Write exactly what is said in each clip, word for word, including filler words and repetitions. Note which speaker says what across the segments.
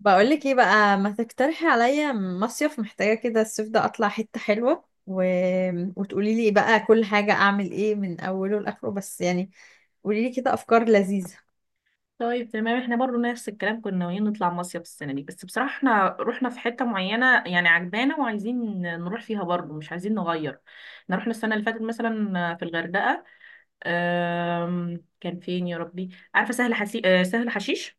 Speaker 1: بقولك ايه بقى؟ ما تقترحي عليا مصيف، محتاجة كده الصيف ده اطلع حتة حلوة و... وتقولي لي بقى كل حاجة اعمل ايه من اوله لاخره، بس يعني قولي لي كده افكار لذيذة.
Speaker 2: طيب، تمام. احنا برضو نفس الكلام، كنا ناويين نطلع مصيف السنة دي، بس بصراحة احنا رحنا في حتة معينة يعني عجبانا وعايزين نروح فيها برضو، مش عايزين نغير. احنا رحنا السنة اللي فاتت مثلا في الغردقة. آم، كان فين يا ربي، عارفة، سهل حسي... آه، سهل حشيش.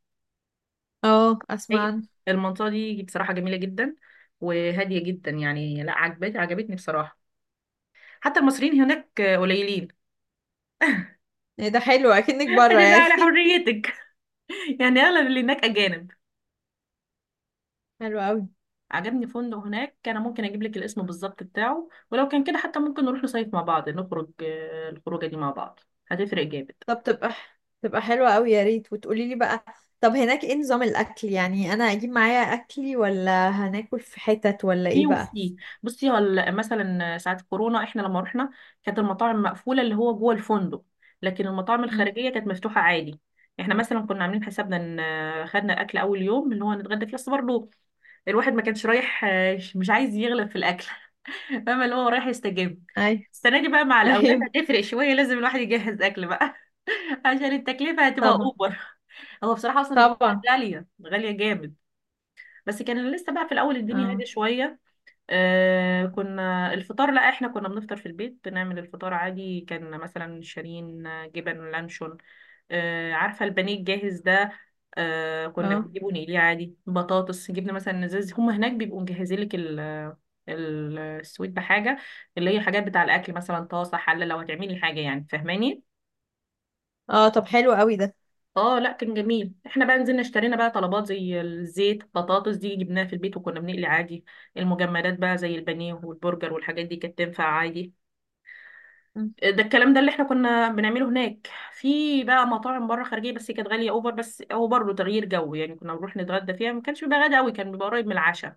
Speaker 1: اه، اسمع
Speaker 2: هي
Speaker 1: عنه.
Speaker 2: المنطقة دي بصراحة جميلة جدا، وهادية جدا يعني. لا، عجبت عجبتني بصراحة. حتى المصريين هناك قليلين.
Speaker 1: ايه ده حلو، اكنك بره
Speaker 2: ادي بقى
Speaker 1: يعني.
Speaker 2: على حريتك. يعني اغلب اللي هناك اجانب.
Speaker 1: حلو قوي.
Speaker 2: عجبني فندق هناك، انا ممكن اجيب لك الاسم بالظبط بتاعه، ولو كان كده حتى ممكن نروح نصيف مع بعض، نخرج آه، الخروجه دي مع بعض. هتفرق جامد.
Speaker 1: طب تبقى تبقى حلوة قوي يا ريت، وتقولي لي بقى. طب هناك ايه نظام الاكل؟ يعني انا اجيب معايا اكلي، ولا هناكل في حتت، ولا
Speaker 2: في،
Speaker 1: ايه بقى؟
Speaker 2: وفي. بصي، هل مثلا ساعه كورونا احنا لما رحنا كانت المطاعم مقفوله اللي هو جوه الفندق، لكن المطاعم
Speaker 1: امم.
Speaker 2: الخارجيه كانت مفتوحه عادي. احنا مثلا كنا عاملين حسابنا ان آه، خدنا اكل اول يوم اللي هو نتغدى فيه، بس برضه الواحد ما كانش رايح آه، مش عايز يغلب في الاكل. فاهمه، اللي هو رايح يستجم.
Speaker 1: ايوه.
Speaker 2: السنه دي بقى مع الاولاد
Speaker 1: ايوه.
Speaker 2: هتفرق شويه، لازم الواحد يجهز اكل بقى، عشان التكلفة هتبقى
Speaker 1: طبعا.
Speaker 2: اوبر. هو بصراحة اصلا الحاجات
Speaker 1: طبعا.
Speaker 2: غالية غالية جامد، بس كان لسه بقى في الاول الدنيا
Speaker 1: اه.
Speaker 2: هادية شوية. آه كنا الفطار، لا، احنا كنا بنفطر في البيت، بنعمل الفطار عادي، كان مثلا شارين جبن، لانشون. آه عارفة البانيه الجاهز ده؟ آه كنا
Speaker 1: اه.
Speaker 2: بنجيبه نقليه عادي، بطاطس جبنا مثلا، ازاز. هما هناك بيبقوا مجهزين لك ال، ال- السويت بحاجة، اللي هي حاجات بتاع الأكل، مثلا طاسة، حلة، لو هتعملي حاجة يعني، فاهماني.
Speaker 1: اه، طب حلو قوي ده.
Speaker 2: اه، لا، كان جميل. احنا بقى نزلنا اشترينا بقى طلبات زي الزيت. بطاطس دي جبناها في البيت، وكنا بنقلي عادي. المجمدات بقى زي البانيه والبرجر والحاجات دي كانت تنفع عادي.
Speaker 1: مم.
Speaker 2: ده الكلام ده اللي احنا كنا بنعمله هناك. في بقى مطاعم بره خارجيه، بس كانت غاليه اوفر، بس هو برضه تغيير جو يعني. كنا بنروح نتغدى فيها، ما كانش بيبقى غدا قوي، كان بيبقى قريب من العشاء،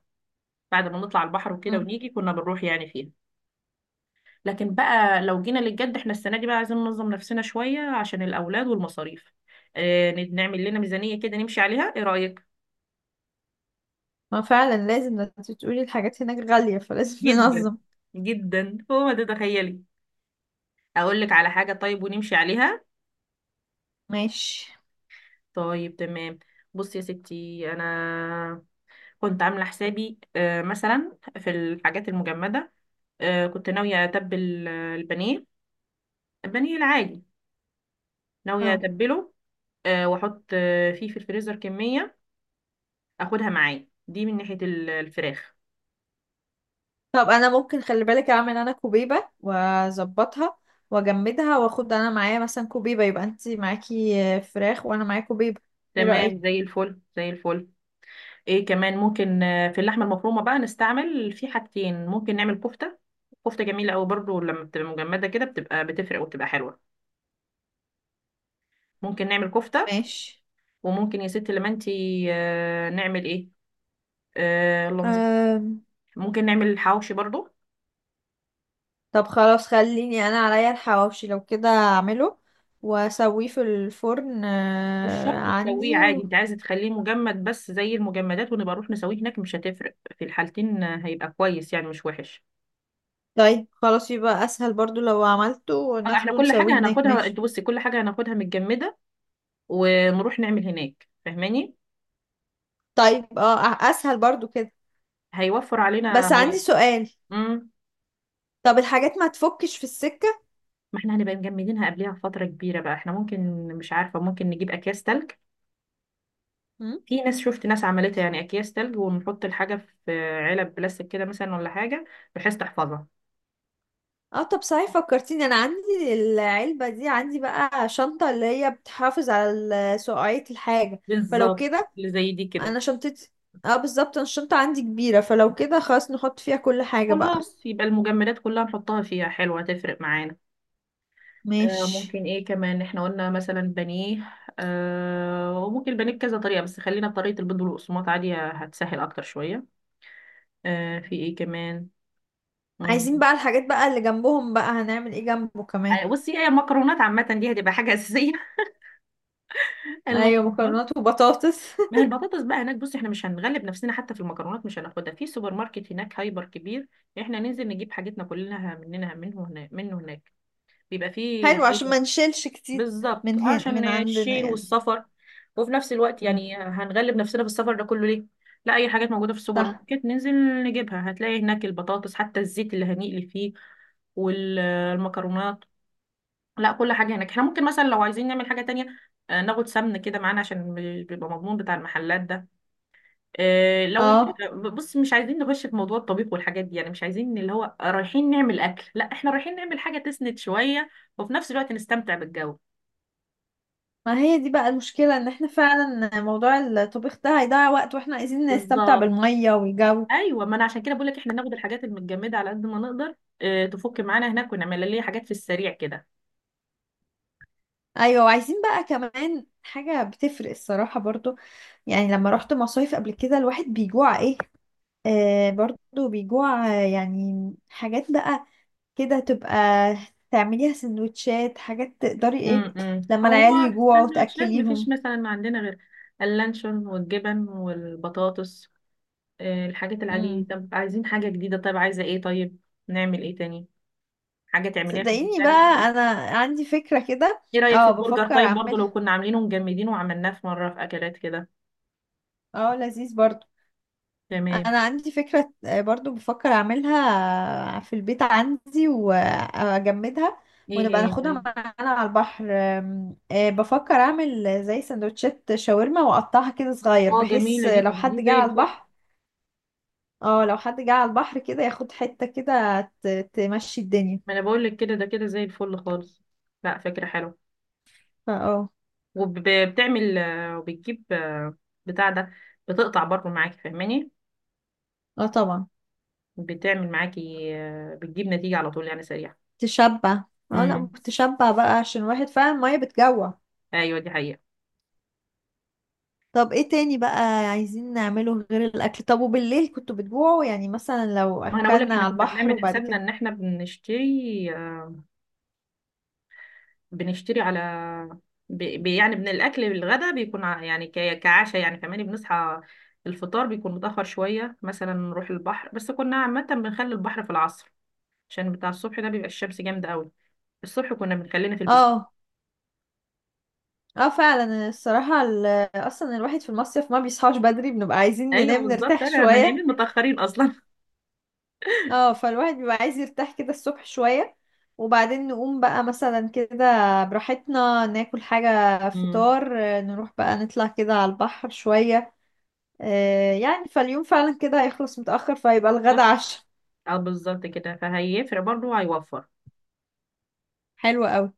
Speaker 2: بعد ما نطلع البحر وكده
Speaker 1: مم.
Speaker 2: ونيجي كنا بنروح يعني فيها. لكن بقى لو جينا للجد، احنا السنه دي بقى عايزين ننظم نفسنا شويه عشان الاولاد والمصاريف. آه، نعمل لنا ميزانيه كده نمشي عليها، ايه رايك؟
Speaker 1: ما فعلا لازم ده، انت تقولي الحاجات هناك غالية فلازم
Speaker 2: جدا،
Speaker 1: ننظم.
Speaker 2: جدا، هو ما تتخيلي. اقول لك على حاجه طيب ونمشي عليها.
Speaker 1: ماشي.
Speaker 2: طيب، تمام. بصي يا ستي، انا كنت عامله حسابي آه، مثلا في الحاجات المجمده. آه، كنت ناويه اتبل آه، البانيه، البانيه العادي. ناويه
Speaker 1: اهو.
Speaker 2: اتبله. آه، واحط آه، فيه في الفريزر كميه، اخدها معايا دي، من ناحيه ال- الفراخ.
Speaker 1: طب انا ممكن، خلي بالك، اعمل انا كوبيبة واظبطها واجمدها، واخد انا معايا مثلا كوبيبة، يبقى انت معاكي آه، فراخ وانا معايا كوبيبة. ايه
Speaker 2: تمام،
Speaker 1: رأيك؟
Speaker 2: زي الفل، زي الفل. ايه كمان؟ ممكن آه، في اللحمه المفرومه بقى نستعمل في حاجتين. ممكن نعمل كفته. كفته جميله قوي برضو، لما بتبقى مجمده كده بتبقى بتفرق وبتبقى حلوه. ممكن نعمل كفته،
Speaker 1: ماشي.
Speaker 2: وممكن يا ستي لما انتي آه، نعمل ايه، آه اللهم زك-
Speaker 1: أم.
Speaker 2: ممكن نعمل حواوشي برضو.
Speaker 1: طب خلاص خليني انا عليا الحواوشي، لو كده اعمله واسويه في الفرن،
Speaker 2: مش
Speaker 1: آه،
Speaker 2: شرط تسويه
Speaker 1: عندي
Speaker 2: عادي،
Speaker 1: و...
Speaker 2: انت عايزه تخليه مجمد بس زي المجمدات، ونبقى نروح نسويه هناك، مش هتفرق في الحالتين. آه، هيبقى كويس يعني، مش وحش.
Speaker 1: طيب خلاص، يبقى اسهل برضو لو عملته
Speaker 2: اه، احنا
Speaker 1: وناخده
Speaker 2: كل
Speaker 1: نسويه
Speaker 2: حاجه
Speaker 1: هناك.
Speaker 2: هناخدها.
Speaker 1: ماشي.
Speaker 2: انت بصي، كل حاجه هناخدها متجمده ونروح نعمل هناك، فاهماني.
Speaker 1: طيب اه، أ- اسهل برضو كده.
Speaker 2: هيوفر علينا
Speaker 1: بس عندي
Speaker 2: وقت.
Speaker 1: سؤال.
Speaker 2: امم.
Speaker 1: طب الحاجات ما تفكش في السكة؟
Speaker 2: ما احنا هنبقى مجمدينها قبلها بفترة كبيرة بقى. احنا ممكن، مش عارفة، ممكن نجيب أكياس تلج.
Speaker 1: مم؟
Speaker 2: في ناس شفت ناس عملتها يعني. أكياس تلج ونحط الحاجة في علب بلاستيك كده مثلا، ولا حاجة، بحيث تحفظها.
Speaker 1: اه، طب صحيح فكرتيني، انا عندي العلبة دي، عندي بقى شنطة اللي هي بتحافظ على ال- سقعية الحاجة. فلو
Speaker 2: بالظبط،
Speaker 1: كده
Speaker 2: اللي زي دي كده.
Speaker 1: انا شنطتي. اه بالظبط، انا الشنطة عندي كبيرة، فلو كده خلاص نحط فيها كل حاجة بقى.
Speaker 2: خلاص، يبقى المجمدات كلها نحطها فيها، حلوة، تفرق معانا. آه
Speaker 1: ماشي.
Speaker 2: ممكن ايه كمان؟ احنا قلنا مثلا بانيه. آه وممكن البانيه بكذا طريقة، بس خلينا بطريقة البيض والقسماط عادي، هتسهل أكتر شوية. آه في ايه كمان؟ مم.
Speaker 1: عايزين بقى الحاجات بقى اللي جنبهم بقى، هنعمل ايه جنبه كمان؟
Speaker 2: آه، بصي، هي المكرونات عامة دي هتبقى حاجة أساسية.
Speaker 1: ايوه،
Speaker 2: المكرونات.
Speaker 1: مكرونات وبطاطس.
Speaker 2: ما هي البطاطس بقى هناك، بص، احنا مش هنغلب نفسنا حتى في المكرونات، مش هناخدها. في سوبر ماركت هناك، هايبر كبير، احنا ننزل نجيب حاجتنا كلنا مننا، منه هناك، منه هناك، بيبقى فيه
Speaker 1: حلو عشان
Speaker 2: هايبر.
Speaker 1: ما نشيلش كتير،
Speaker 2: بالظبط،
Speaker 1: من هنا
Speaker 2: عشان
Speaker 1: من عندنا
Speaker 2: الشيل
Speaker 1: يعني.
Speaker 2: والسفر، وفي نفس الوقت
Speaker 1: مم.
Speaker 2: يعني هنغلب نفسنا بالسفر ده كله ليه؟ لا، اي حاجات موجوده في السوبر
Speaker 1: صح.
Speaker 2: ماركت ننزل نجيبها، هتلاقي هناك البطاطس، حتى الزيت اللي هنقلي فيه، والمكرونات. لا، كل حاجه هناك. احنا ممكن مثلا لو عايزين نعمل حاجه تانية، آه، ناخد سمن كده معانا، عشان بيبقى مضمون بتاع المحلات ده. آه، لو
Speaker 1: اه،
Speaker 2: بص، مش عايزين نخش في موضوع الطبيخ والحاجات دي يعني، مش عايزين اللي هو رايحين نعمل اكل، لا، احنا رايحين نعمل حاجه تسند شويه وفي نفس الوقت نستمتع بالجو.
Speaker 1: ما هي دي بقى المشكلة، ان احنا فعلا موضوع الطبيخ ده هيضيع وقت، واحنا عايزين نستمتع
Speaker 2: بالظبط.
Speaker 1: بالمية والجو.
Speaker 2: ايوه، ما انا عشان كده بقول لك احنا ناخد الحاجات المتجمده على قد ما نقدر، آه، تفك معانا هناك ونعمل لنا حاجات في السريع كده.
Speaker 1: ايوه، وعايزين بقى كمان حاجة بتفرق الصراحة برضو. يعني لما رحت مصايف قبل كده الواحد بيجوع، ايه، آه برضو بيجوع. آه، يعني حاجات بقى كده، تبقى تعمليها سندوتشات، حاجات تقدري، ايه
Speaker 2: امم
Speaker 1: لما
Speaker 2: هو
Speaker 1: العيال
Speaker 2: في
Speaker 1: يجوعوا
Speaker 2: السندوتشات مفيش
Speaker 1: تأكليهم.
Speaker 2: مثلا ما عندنا غير اللانشون والجبن والبطاطس، آه، الحاجات العاديه دي.
Speaker 1: امم.
Speaker 2: طب عايزين حاجه جديده، طيب، عايزه ايه؟ طيب نعمل ايه تاني؟ حاجه تعمليها في البيت
Speaker 1: صدقيني
Speaker 2: يعني.
Speaker 1: بقى، انا عندي فكرة كده.
Speaker 2: ايه رأيك في
Speaker 1: اه،
Speaker 2: البرجر
Speaker 1: بفكر
Speaker 2: طيب، برضو لو
Speaker 1: اعملها.
Speaker 2: كنا عاملينه ومجمدينه وعملناه في مرة، في اكلات كده.
Speaker 1: اه لذيذ برضو.
Speaker 2: تمام.
Speaker 1: انا عندي فكرة، آه، برضو بفكر اعملها في البيت عندي واجمدها،
Speaker 2: ايه
Speaker 1: ونبقى
Speaker 2: هي
Speaker 1: ناخدها
Speaker 2: طيب؟
Speaker 1: معانا على البحر. آم، آه، بفكر اعمل زي سندوتشات شاورما، واقطعها كده صغير،
Speaker 2: اه،
Speaker 1: بحيث
Speaker 2: جميلة دي،
Speaker 1: لو
Speaker 2: طب دي
Speaker 1: حد جه
Speaker 2: زي
Speaker 1: على
Speaker 2: الفل.
Speaker 1: البحر. اه، لو حد جه على البحر كده ياخد حتة كده، ت- تمشي الدنيا.
Speaker 2: ما انا بقول لك كده، ده كده زي الفل خالص. لا، فكرة حلوة.
Speaker 1: فا اه
Speaker 2: وبتعمل آه، وبتجيب آه، بتاع ده، بتقطع برضو معاكي، فاهماني.
Speaker 1: اه طبعا.
Speaker 2: بتعمل معاكي آه، بتجيب نتيجة على طول يعني، سريعة.
Speaker 1: تشبع. اه لا،
Speaker 2: امم.
Speaker 1: تشبع بقى عشان الواحد فعلا المية بتجوع.
Speaker 2: ايوه، دي حقيقة.
Speaker 1: طب ايه تاني بقى عايزين نعمله غير الاكل؟ طب وبالليل كنتوا بتجوعوا؟ يعني مثلا لو
Speaker 2: ما انا بقول لك
Speaker 1: اكلنا
Speaker 2: احنا
Speaker 1: على
Speaker 2: كنا
Speaker 1: البحر
Speaker 2: بنعمل
Speaker 1: وبعد
Speaker 2: حسابنا
Speaker 1: كده.
Speaker 2: ان احنا بنشتري، بنشتري على بي بي- يعني من الأكل للغدا بيكون ع- يعني ك- كعشاء يعني كمان. بنصحى، الفطار بيكون متأخر شوية، مثلا نروح البحر، بس كنا عامة بنخلي البحر في العصر، عشان بتاع الصبح ده بيبقى الشمس جامدة قوي. الصبح كنا بنخلينا في البسين.
Speaker 1: اه. اه، فعلا الصراحة ال- اصلا الواحد في المصيف ما بيصحاش بدري، بنبقى عايزين
Speaker 2: أيوه
Speaker 1: ننام
Speaker 2: بالظبط،
Speaker 1: نرتاح
Speaker 2: أنا، ما
Speaker 1: شوية.
Speaker 2: نايمين متأخرين أصلا.
Speaker 1: اه، فالواحد بيبقى عايز يرتاح كده الصبح شوية، وبعدين نقوم بقى مثلا كده براحتنا، ناكل حاجة
Speaker 2: امم.
Speaker 1: فطار، آه، نروح بقى نطلع كده على البحر شوية. آه، يعني فاليوم فعلا كده هيخلص متأخر، فيبقى الغدا
Speaker 2: بالظبط.
Speaker 1: عشاء.
Speaker 2: اه بالظبط كده، فهيفرق برضه، هيوفر.
Speaker 1: حلو قوي.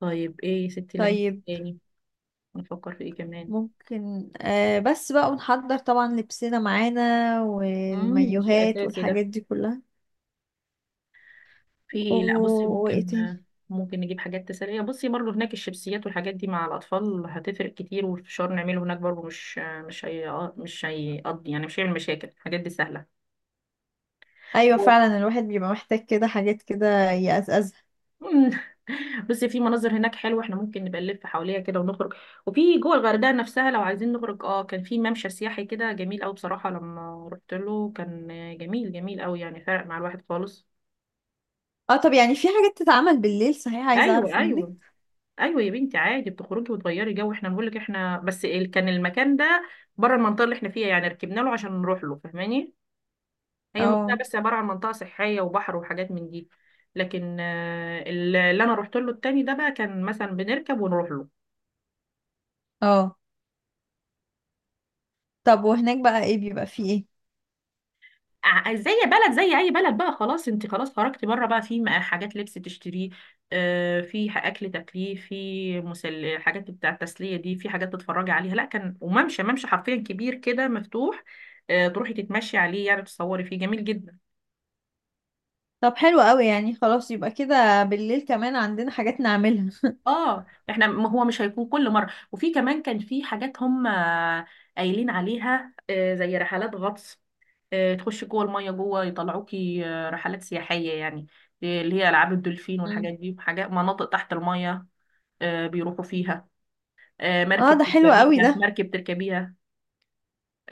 Speaker 2: طيب، ايه يا ستي لما،
Speaker 1: طيب.
Speaker 2: تاني، نفكر في ايه كمان؟
Speaker 1: ممكن، آه بس بقى، ونحضر طبعا لبسنا معانا
Speaker 2: امم ده شيء
Speaker 1: والمايوهات
Speaker 2: أساسي ده.
Speaker 1: والحاجات دي كلها
Speaker 2: في
Speaker 1: و...
Speaker 2: ايه؟ لا بصي،
Speaker 1: وايه
Speaker 2: ممكن،
Speaker 1: تاني؟
Speaker 2: ممكن نجيب حاجات تسلية. بصي، برضو هناك الشيبسيات والحاجات دي مع الأطفال هتفرق كتير، والفشار نعمله هناك برضو، مش مش هي مش هيقضي يعني، مش هيعمل مشاكل، الحاجات دي سهلة.
Speaker 1: ايوه فعلا، الواحد بيبقى محتاج كده حاجات كده يقزقزها.
Speaker 2: مم. بصي، في مناظر هناك حلوة، احنا ممكن نبقى نلف حواليها كده ونخرج. وفي جوه الغردقة نفسها لو عايزين نخرج، اه، كان في ممشى سياحي كده جميل قوي بصراحة، لما رحت له كان جميل، جميل قوي يعني، فرق مع الواحد خالص.
Speaker 1: اه، طب يعني في حاجات تتعمل بالليل صحيح؟ عايزه
Speaker 2: ايوه،
Speaker 1: اعرف
Speaker 2: ايوه،
Speaker 1: منك.
Speaker 2: ايوه يا بنتي، عادي بتخرجي وتغيري جو. احنا بنقول لك احنا بس ال- كان المكان ده بره المنطقه اللي احنا فيها يعني، ركبنا له عشان نروح له، فاهماني. هي المنطقه
Speaker 1: اه.
Speaker 2: بس عباره عن منطقه صحيه وبحر وحاجات من دي، لكن آه، اللي انا رحت له التاني ده بقى كان مثلا بنركب ونروح له.
Speaker 1: اه. طب وهناك بقى ايه، بيبقى فيه ايه؟
Speaker 2: ع- زي بلد، زي اي بلد بقى، خلاص انت خلاص خرجتي بره بقى. في م- حاجات لبس تشتريه، آه، في ح- اكل تاكليه، في مسل حاجات بتاع التسليه دي، في حاجات تتفرجي عليها. لا، كان، وممشى، ممشى حرفيا كبير كده مفتوح، آه، تروحي تتمشي عليه يعني، تصوري فيه، جميل جدا.
Speaker 1: طب حلو قوي، يعني خلاص يبقى كده بالليل كمان عندنا حاجات نعملها.
Speaker 2: اه، احنا ما هو مش هيكون كل مره. وفي كمان كان في حاجات هم قايلين عليها آه، زي رحلات غطس، آه، تخشي جوه الميه، جوه يطلعوكي. آه، رحلات سياحيه يعني، آه، اللي هي العاب الدولفين
Speaker 1: مم.
Speaker 2: والحاجات دي، وحاجات مناطق تحت الميه. آه، بيروحوا فيها. آه،
Speaker 1: اه
Speaker 2: مركب
Speaker 1: ده حلو قوي
Speaker 2: تركبيها،
Speaker 1: ده.
Speaker 2: مركب تركبيها.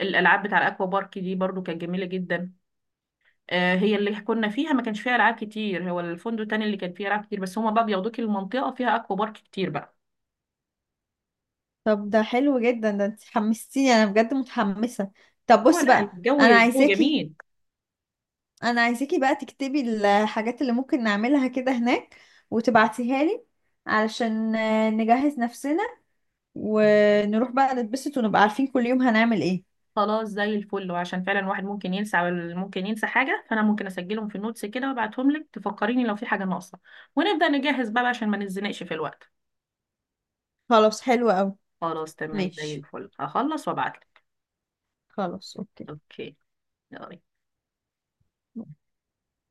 Speaker 2: الالعاب بتاع الاكوا بارك دي برضو كانت جميله جدا، آه، هي اللي كنا فيها ما كانش فيها العاب كتير. هو الفندق التاني اللي كان فيه العاب كتير، بس هما بقى بياخدوكي. المنطقه فيها اكوا بارك كتير بقى.
Speaker 1: طب ده حلو جدا ده، انت حمستيني انا، بجد متحمسه. طب
Speaker 2: هو،
Speaker 1: بصي
Speaker 2: لا،
Speaker 1: بقى،
Speaker 2: الجو
Speaker 1: انا
Speaker 2: الجو
Speaker 1: عايزاكي،
Speaker 2: جميل.
Speaker 1: انا عايزاكي بقى تكتبي الحاجات اللي ممكن نعملها كده هناك، وتبعتيها لي علشان آه، نجهز نفسنا، ونروح بقى نتبسط، ونبقى عارفين كل يوم هنعمل ايه.
Speaker 2: خلاص، زي الفل. وعشان فعلا الواحد ممكن ينسى، وال- ممكن ينسى حاجة، فأنا ممكن أسجلهم في النوتس كده وأبعتهم لك، تفكريني لو في حاجة ناقصة، ونبدأ نجهز بقى عشان ما نتزنقش في الوقت.
Speaker 1: خلاص حلو قوي.
Speaker 2: خلاص، تمام، زي
Speaker 1: ماشي.
Speaker 2: الفل، هخلص وأبعتلك.
Speaker 1: خلاص اوكي.
Speaker 2: أوكي. يلا.